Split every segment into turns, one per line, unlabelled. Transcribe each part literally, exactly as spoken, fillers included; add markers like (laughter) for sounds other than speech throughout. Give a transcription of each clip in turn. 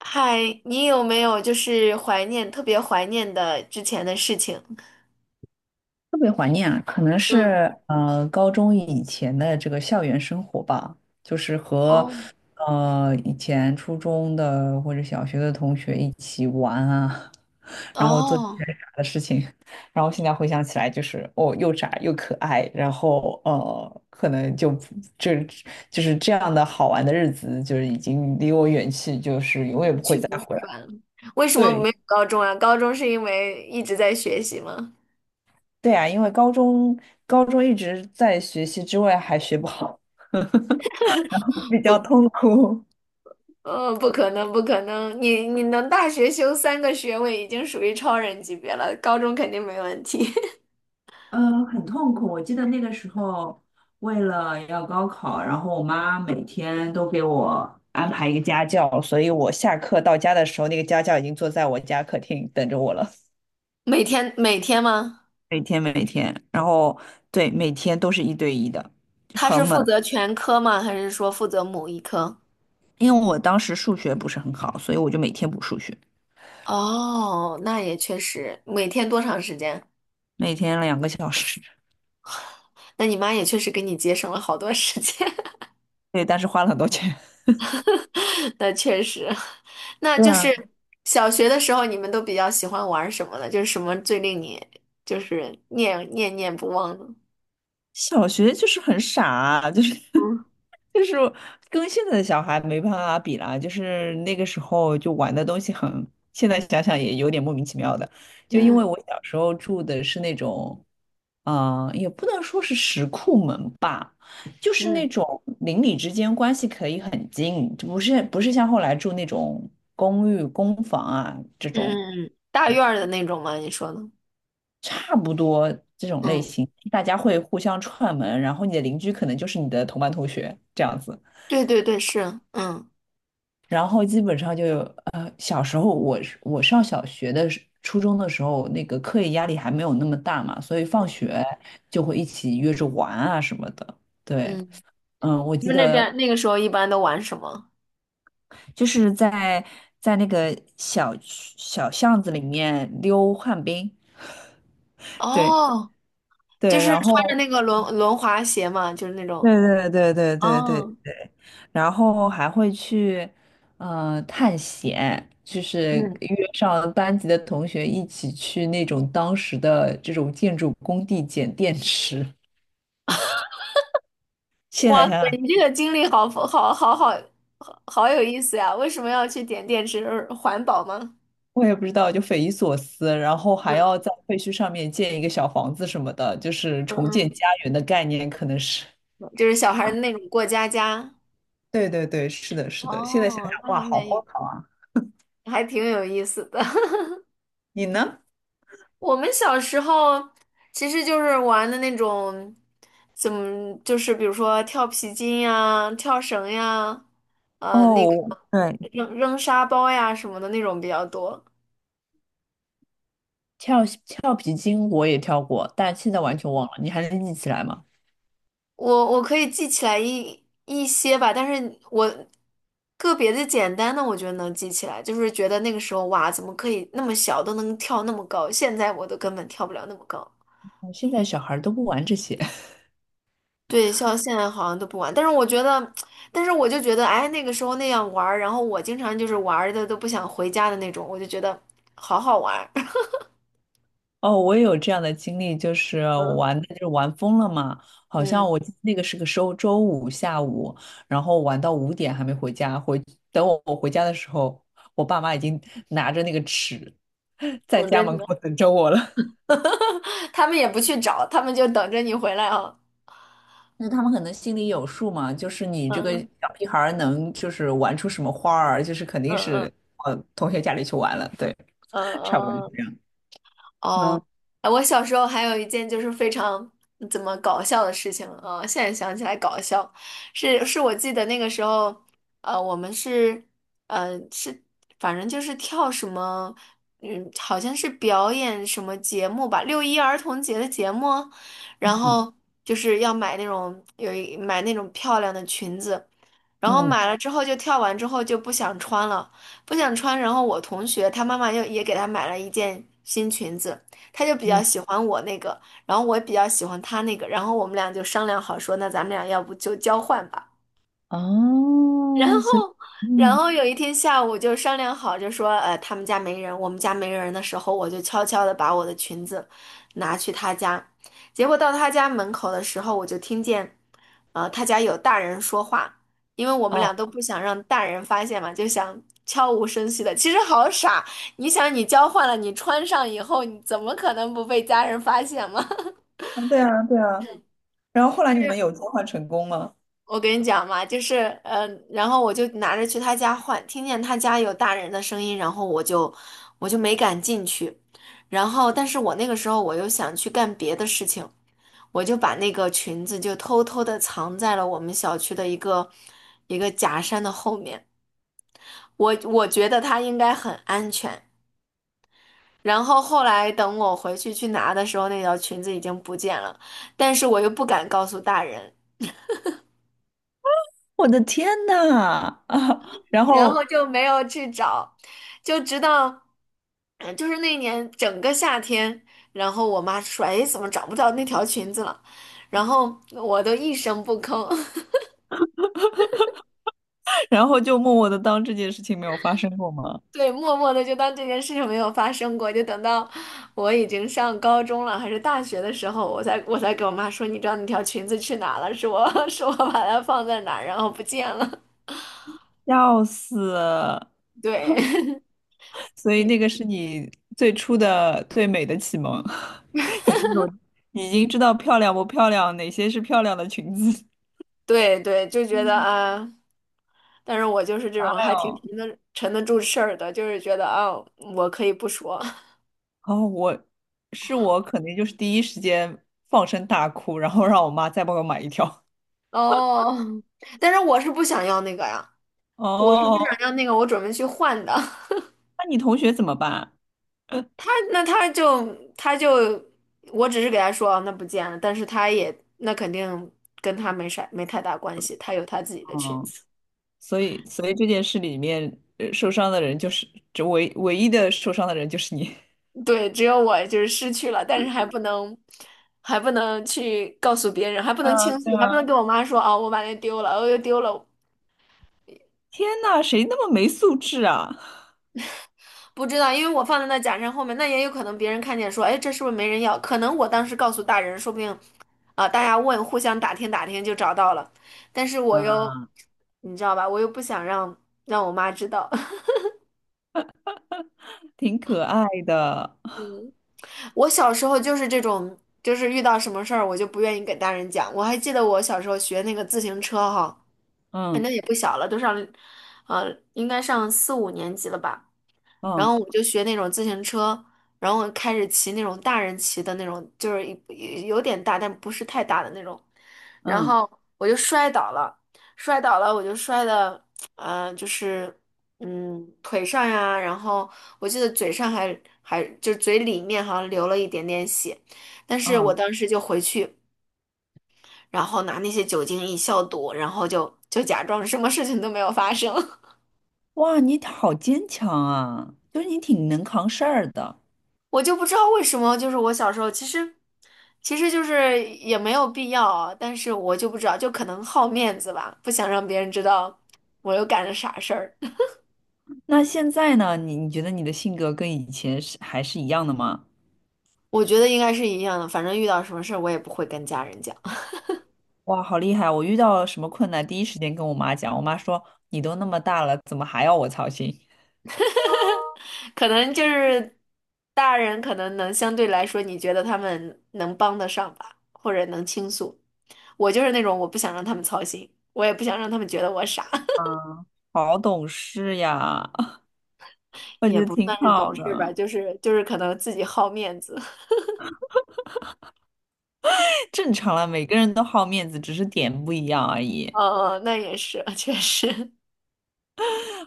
嗨，你有没有就是怀念，特别怀念的之前的事情？
特别怀念啊，可能
嗯，
是呃高中以前的这个校园生活吧，就是和
哦
呃以前初中的或者小学的同学一起玩啊，(laughs) 然后做一些
哦，
傻的事情，然后现在回想起来就是哦又傻又可爱，然后呃可能就不就就是这样的好玩的日子就是已经离我远去，就是永远
一
不会
去
再
不
回
复
来。
返了。为什么
对，
没有高中啊？高中是因为一直在学习吗？
对啊，因为高中高中一直在学习之外还学不好，(laughs) 然后比较
不，
痛苦。
呃，不可能，不可能，你你能大学修三个学位已经属于超人级别了，高中肯定没问题。(laughs)
呃，很痛苦。我记得那个时候，为了要高考，然后我妈每天都给我安排一个家教，所以我下课到家的时候，那个家教已经坐在我家客厅等着我了。
每天每天吗？
每天每天，然后对，每天都是一对一的，
他是
很猛。
负责全科吗？还是说负责某一科？
因为我当时数学不是很好，所以我就每天补数学，
哦，那也确实，每天多长时间？
每天两个小时。(laughs)
那你妈也确实给你节省了好多时间，
对，但是花了很多钱。
(laughs) 那确实，(laughs) 那
对
就
啊，
是小学的时候你们都比较喜欢玩什么呢？就是什么最令你就是念念念不忘呢？
小学就是很傻啊就是
嗯
就是跟现在的小孩没办法比啦，就是那个时候就玩的东西很，现在想想也有点莫名其妙的，就因为
嗯
我小时候住的是那种，嗯、也不能说是石库门吧，就是那
嗯
种邻里之间关系可以很近，就不是不是像后来住那种公寓、公房啊这种，
嗯嗯，大院儿的那种吗？你说呢？
差不多这种类
嗯，
型，大家会互相串门，然后你的邻居可能就是你的同班同学这样子，
对对对，是，嗯
然后基本上就有呃，小时候我是我上小学的时初中的时候，那个课业压力还没有那么大嘛，所以放学就会一起约着玩啊什么的。对，
嗯，
嗯，我
你
记
们那
得
边那个时候一般都玩什么？
就是在在那个小区小巷子里面溜旱冰，对
哦，就
对，
是
然
穿着
后
那个轮轮滑鞋嘛，就是那
对
种。
对对对对对。
哦，
然后还会去呃探险，就是
嗯。
约上班级的同学一起去那种当时的这种建筑工地捡电池。现
哇
在
塞，
想想，
你这个经历好好好好好好有意思呀！为什么要去点电池？环保吗？
我也不知道，就匪夷所思。然后还
嗯
要在废墟上面建一个小房子什么的，就是重建
嗯
家园的概念，可能是。
嗯，就是小孩儿的那种过家家。
对对对，是的，是的。现在想想，
哦，那
哇，
还
好荒
没，
唐啊！
还挺有意思的。(laughs)
你呢？
我们小时候其实就是玩的那种，怎么就是比如说跳皮筋呀、跳绳呀，呃，那个
哦，对，
扔扔沙包呀什么的那种比较多。
跳跳皮筋我也跳过，但现在完全忘了。你还能记起来吗？
我我可以记起来一一些吧，但是我个别的简单的，我觉得能记起来，就是觉得那个时候哇，怎么可以那么小都能跳那么高？现在我都根本跳不了那么高。
现在小孩儿都不玩这些 (laughs)
对，像现在好像都不玩，但是我觉得，但是我就觉得，哎，那个时候那样玩儿然后我经常就是玩的都不想回家的那种，我就觉得好好玩儿 (laughs)
哦，我也有这样的经历，就是我
嗯
玩的就是玩疯了嘛，好
嗯，
像我记得那个是个周周五下午，然后玩到五点还没回家，回等我我回家的时候，我爸妈已经拿着那个尺 (laughs) 在
等
家
着你
门
们，
口等着我了。(laughs)
(laughs) 他们也不去找，他们就等着你回来啊。
那他们可能心里有数嘛，就是你这个
嗯
小屁孩儿能就是玩出什么花儿，就是肯
嗯
定
嗯
是往同学家里去玩了，对，
嗯
(laughs) 差不多是
嗯。
这样。
哦，
嗯
哎我小时候还有一件就是非常怎么搞笑的事情啊，呃现在想起来搞笑，是是我记得那个时候，呃，我们是，呃，是反正就是跳什么，嗯，好像是表演什么节目吧，六一儿童节的节目，然后就是要买那种有一买那种漂亮的裙子，然后
嗯
买了之后就跳完之后就不想穿了。不想穿。然后我同学她妈妈又也给她买了一件新裙子，她就比较
嗯。
喜欢我那个，然后我也比较喜欢她那个，然后我们俩就商量好说，那咱们俩要不就交换吧。然后，
哦，所以，
然
嗯，
后有一天下午就商量好，就说，呃，他们家没人，我们家没人的时候，我就悄悄的把我的裙子拿去他家。结果到他家门口的时候，我就听见，呃，他家有大人说话，因为我们俩
哦，
都不想让大人发现嘛，就想悄无声息的。其实好傻，你想你交换了，你穿上以后，你怎么可能不被家人发现嘛？
啊，对啊，对啊。然后后来你们有交换成功吗？
我跟你讲嘛，就是呃，然后我就拿着去他家换，听见他家有大人的声音，然后我就我就没敢进去，然后但是我那个时候我又想去干别的事情，我就把那个裙子就偷偷的藏在了我们小区的一个一个假山的后面，我我觉得它应该很安全。然后后来等我回去去拿的时候，那条裙子已经不见了，但是我又不敢告诉大人，
我的天呐，(laughs) 啊，然
然后
后，
就没有去找，就直到，嗯，就是那年整个夏天，然后我妈说：“哎，怎么找不到那条裙子了？”然后我都一声不吭，
(laughs) 然后就默默的当这件事情没有发生过吗？
(laughs) 对，默默的就当这件事情没有发生过，就等到我已经上高中了还是大学的时候，我才我才给我妈说：“你知道那条裙子去哪了？是我 (laughs) 是我把它放在哪儿，然后不见了。
笑死！
(laughs)” 对。(laughs)
所以那个是你最初的最美的启蒙，(laughs) 已经有，已经知道漂亮不漂亮，哪些是漂亮的裙子。
对对，就
(laughs)
觉得
嗯，
啊，呃但是我就是这种
哎
还挺
呦，
沉得沉得住事儿的，就是觉得啊，我可以不说
哦，我是我肯定就是第一时间放声大哭，然后让我妈再帮我买一条。
(laughs) 哦，但是我是不想要那个呀，我是不想
哦，
要那个，我准备去换的。
那你同学怎么办？
(laughs) 他那他就他就，我只是给他说啊那不见了，但是他也那肯定跟他没啥没太大关系，他有他自己的裙
嗯，
子。
所以所以这件事里面，呃受伤的人就是这唯唯一的受伤的人就是你。(laughs)
(laughs) 对，只有我就是失去了，但是还不能，还不能去告诉别人，还不
对
能
啊，
倾诉，
对
还不能
啊，
跟我妈说啊，我把那丢了，我又丢了，
天呐，谁那么没素质啊？
不知道，因为我放在那假山后面，那也有可能别人看见说，哎，这是不是没人要？可能我当时告诉大人，说不定，啊、大家问，互相打听打听就找到了。但是我又，
啊，
你知道吧，我又不想让让我妈知道。(laughs)
挺可爱的，
我小时候就是这种，就是遇到什么事儿，我就不愿意给大人讲。我还记得我小时候学那个自行车哈，哎，
嗯
那也不小了，都上，呃，应该上四五年级了吧。然
嗯
后我就学那种自行车，然后开始骑那种大人骑的那种，就是一一有点大，但不是太大的那种。然
嗯
后我就摔倒了，摔倒了，我就摔的，呃，就是嗯腿上呀，然后我记得嘴上还还就是嘴里面好像流了一点点血，但是我
嗯，
当时就回去，然后拿那些酒精一消毒，然后就就假装什么事情都没有发生。
哇，你好坚强啊，就是你挺能扛事儿的。
我就不知道为什么，就是我小时候其实，其实就是也没有必要啊，但是我就不知道，就可能好面子吧，不想让别人知道我又干了啥事儿。(laughs)
那现在呢？你你觉得你的性格跟以前是还是一样的吗？
我觉得应该是一样的，反正遇到什么事儿我也不会跟家人讲，
哇，好厉害！我遇到什么困难，第一时间跟我妈讲。我妈说：“你都那么大了，怎么还要我操心？”
(laughs) 可能就是大人可能能相对来说，你觉得他们能帮得上吧，或者能倾诉。我就是那种我不想让他们操心，我也不想让他们觉得我傻，
好懂事呀，(laughs)
(laughs)
我觉
也
得
不
挺
算是
好
懂事吧，
的。
就是就是可能自己好面子。
(laughs) 正常了，每个人都好面子，只是点不一样而已。
哦，那也是，(laughs) 确实，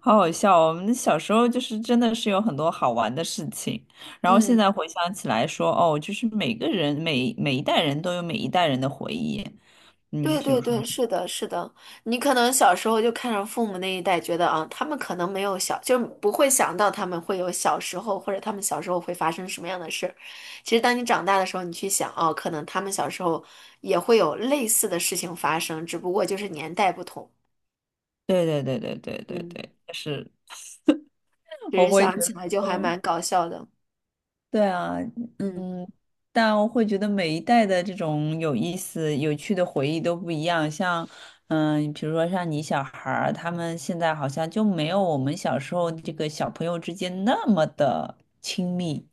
好好笑哦我们小时候就是真的是有很多好玩的事情，然后现
嗯，
在回想起来说，哦，就是每个人每每一代人都有每一代人的回忆。嗯，
对
比如
对
说，
对，是的，是的。你可能小时候就看上父母那一代，觉得啊，他们可能没有小，就不会想到他们会有小时候，或者他们小时候会发生什么样的事儿。其实，当你长大的时候，你去想，哦，可能他们小时候也会有类似的事情发生，只不过就是年代不同。
对对对对对对
嗯，
对，但是
就是
我
哦
会觉
想起
得
来就还
说，
蛮搞笑的。
对啊。
嗯。
但我会觉得每一代的这种有意思、有趣的回忆都不一样。像，嗯，比如说像你小孩儿，他们现在好像就没有我们小时候这个小朋友之间那么的亲密。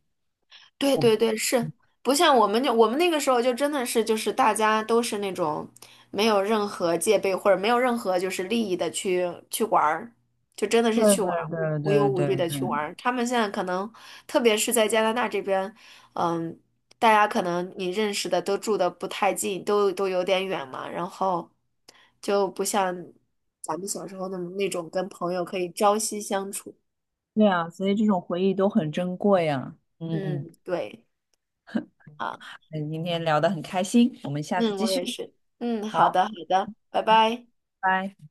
对
我
对对，是不像我们就我们那个时候就真的是就是大家都是那种没有任何戒备或者没有任何就是利益的去去玩儿，就真的
对
是去玩儿，无
对对
无忧
对
无
对
虑的去玩
对，
儿。他们现在可能特别是在加拿大这边，嗯，大家可能你认识的都住的不太近，都都有点远嘛，然后就不像咱们小时候那那种跟朋友可以朝夕相处。
对啊，所以这种回忆都很珍贵啊。嗯，
嗯，对。啊。
那今天聊得很开心，我们下次
嗯，
继
我
续。
也是。嗯，好的，
好，
好的，拜拜。
拜。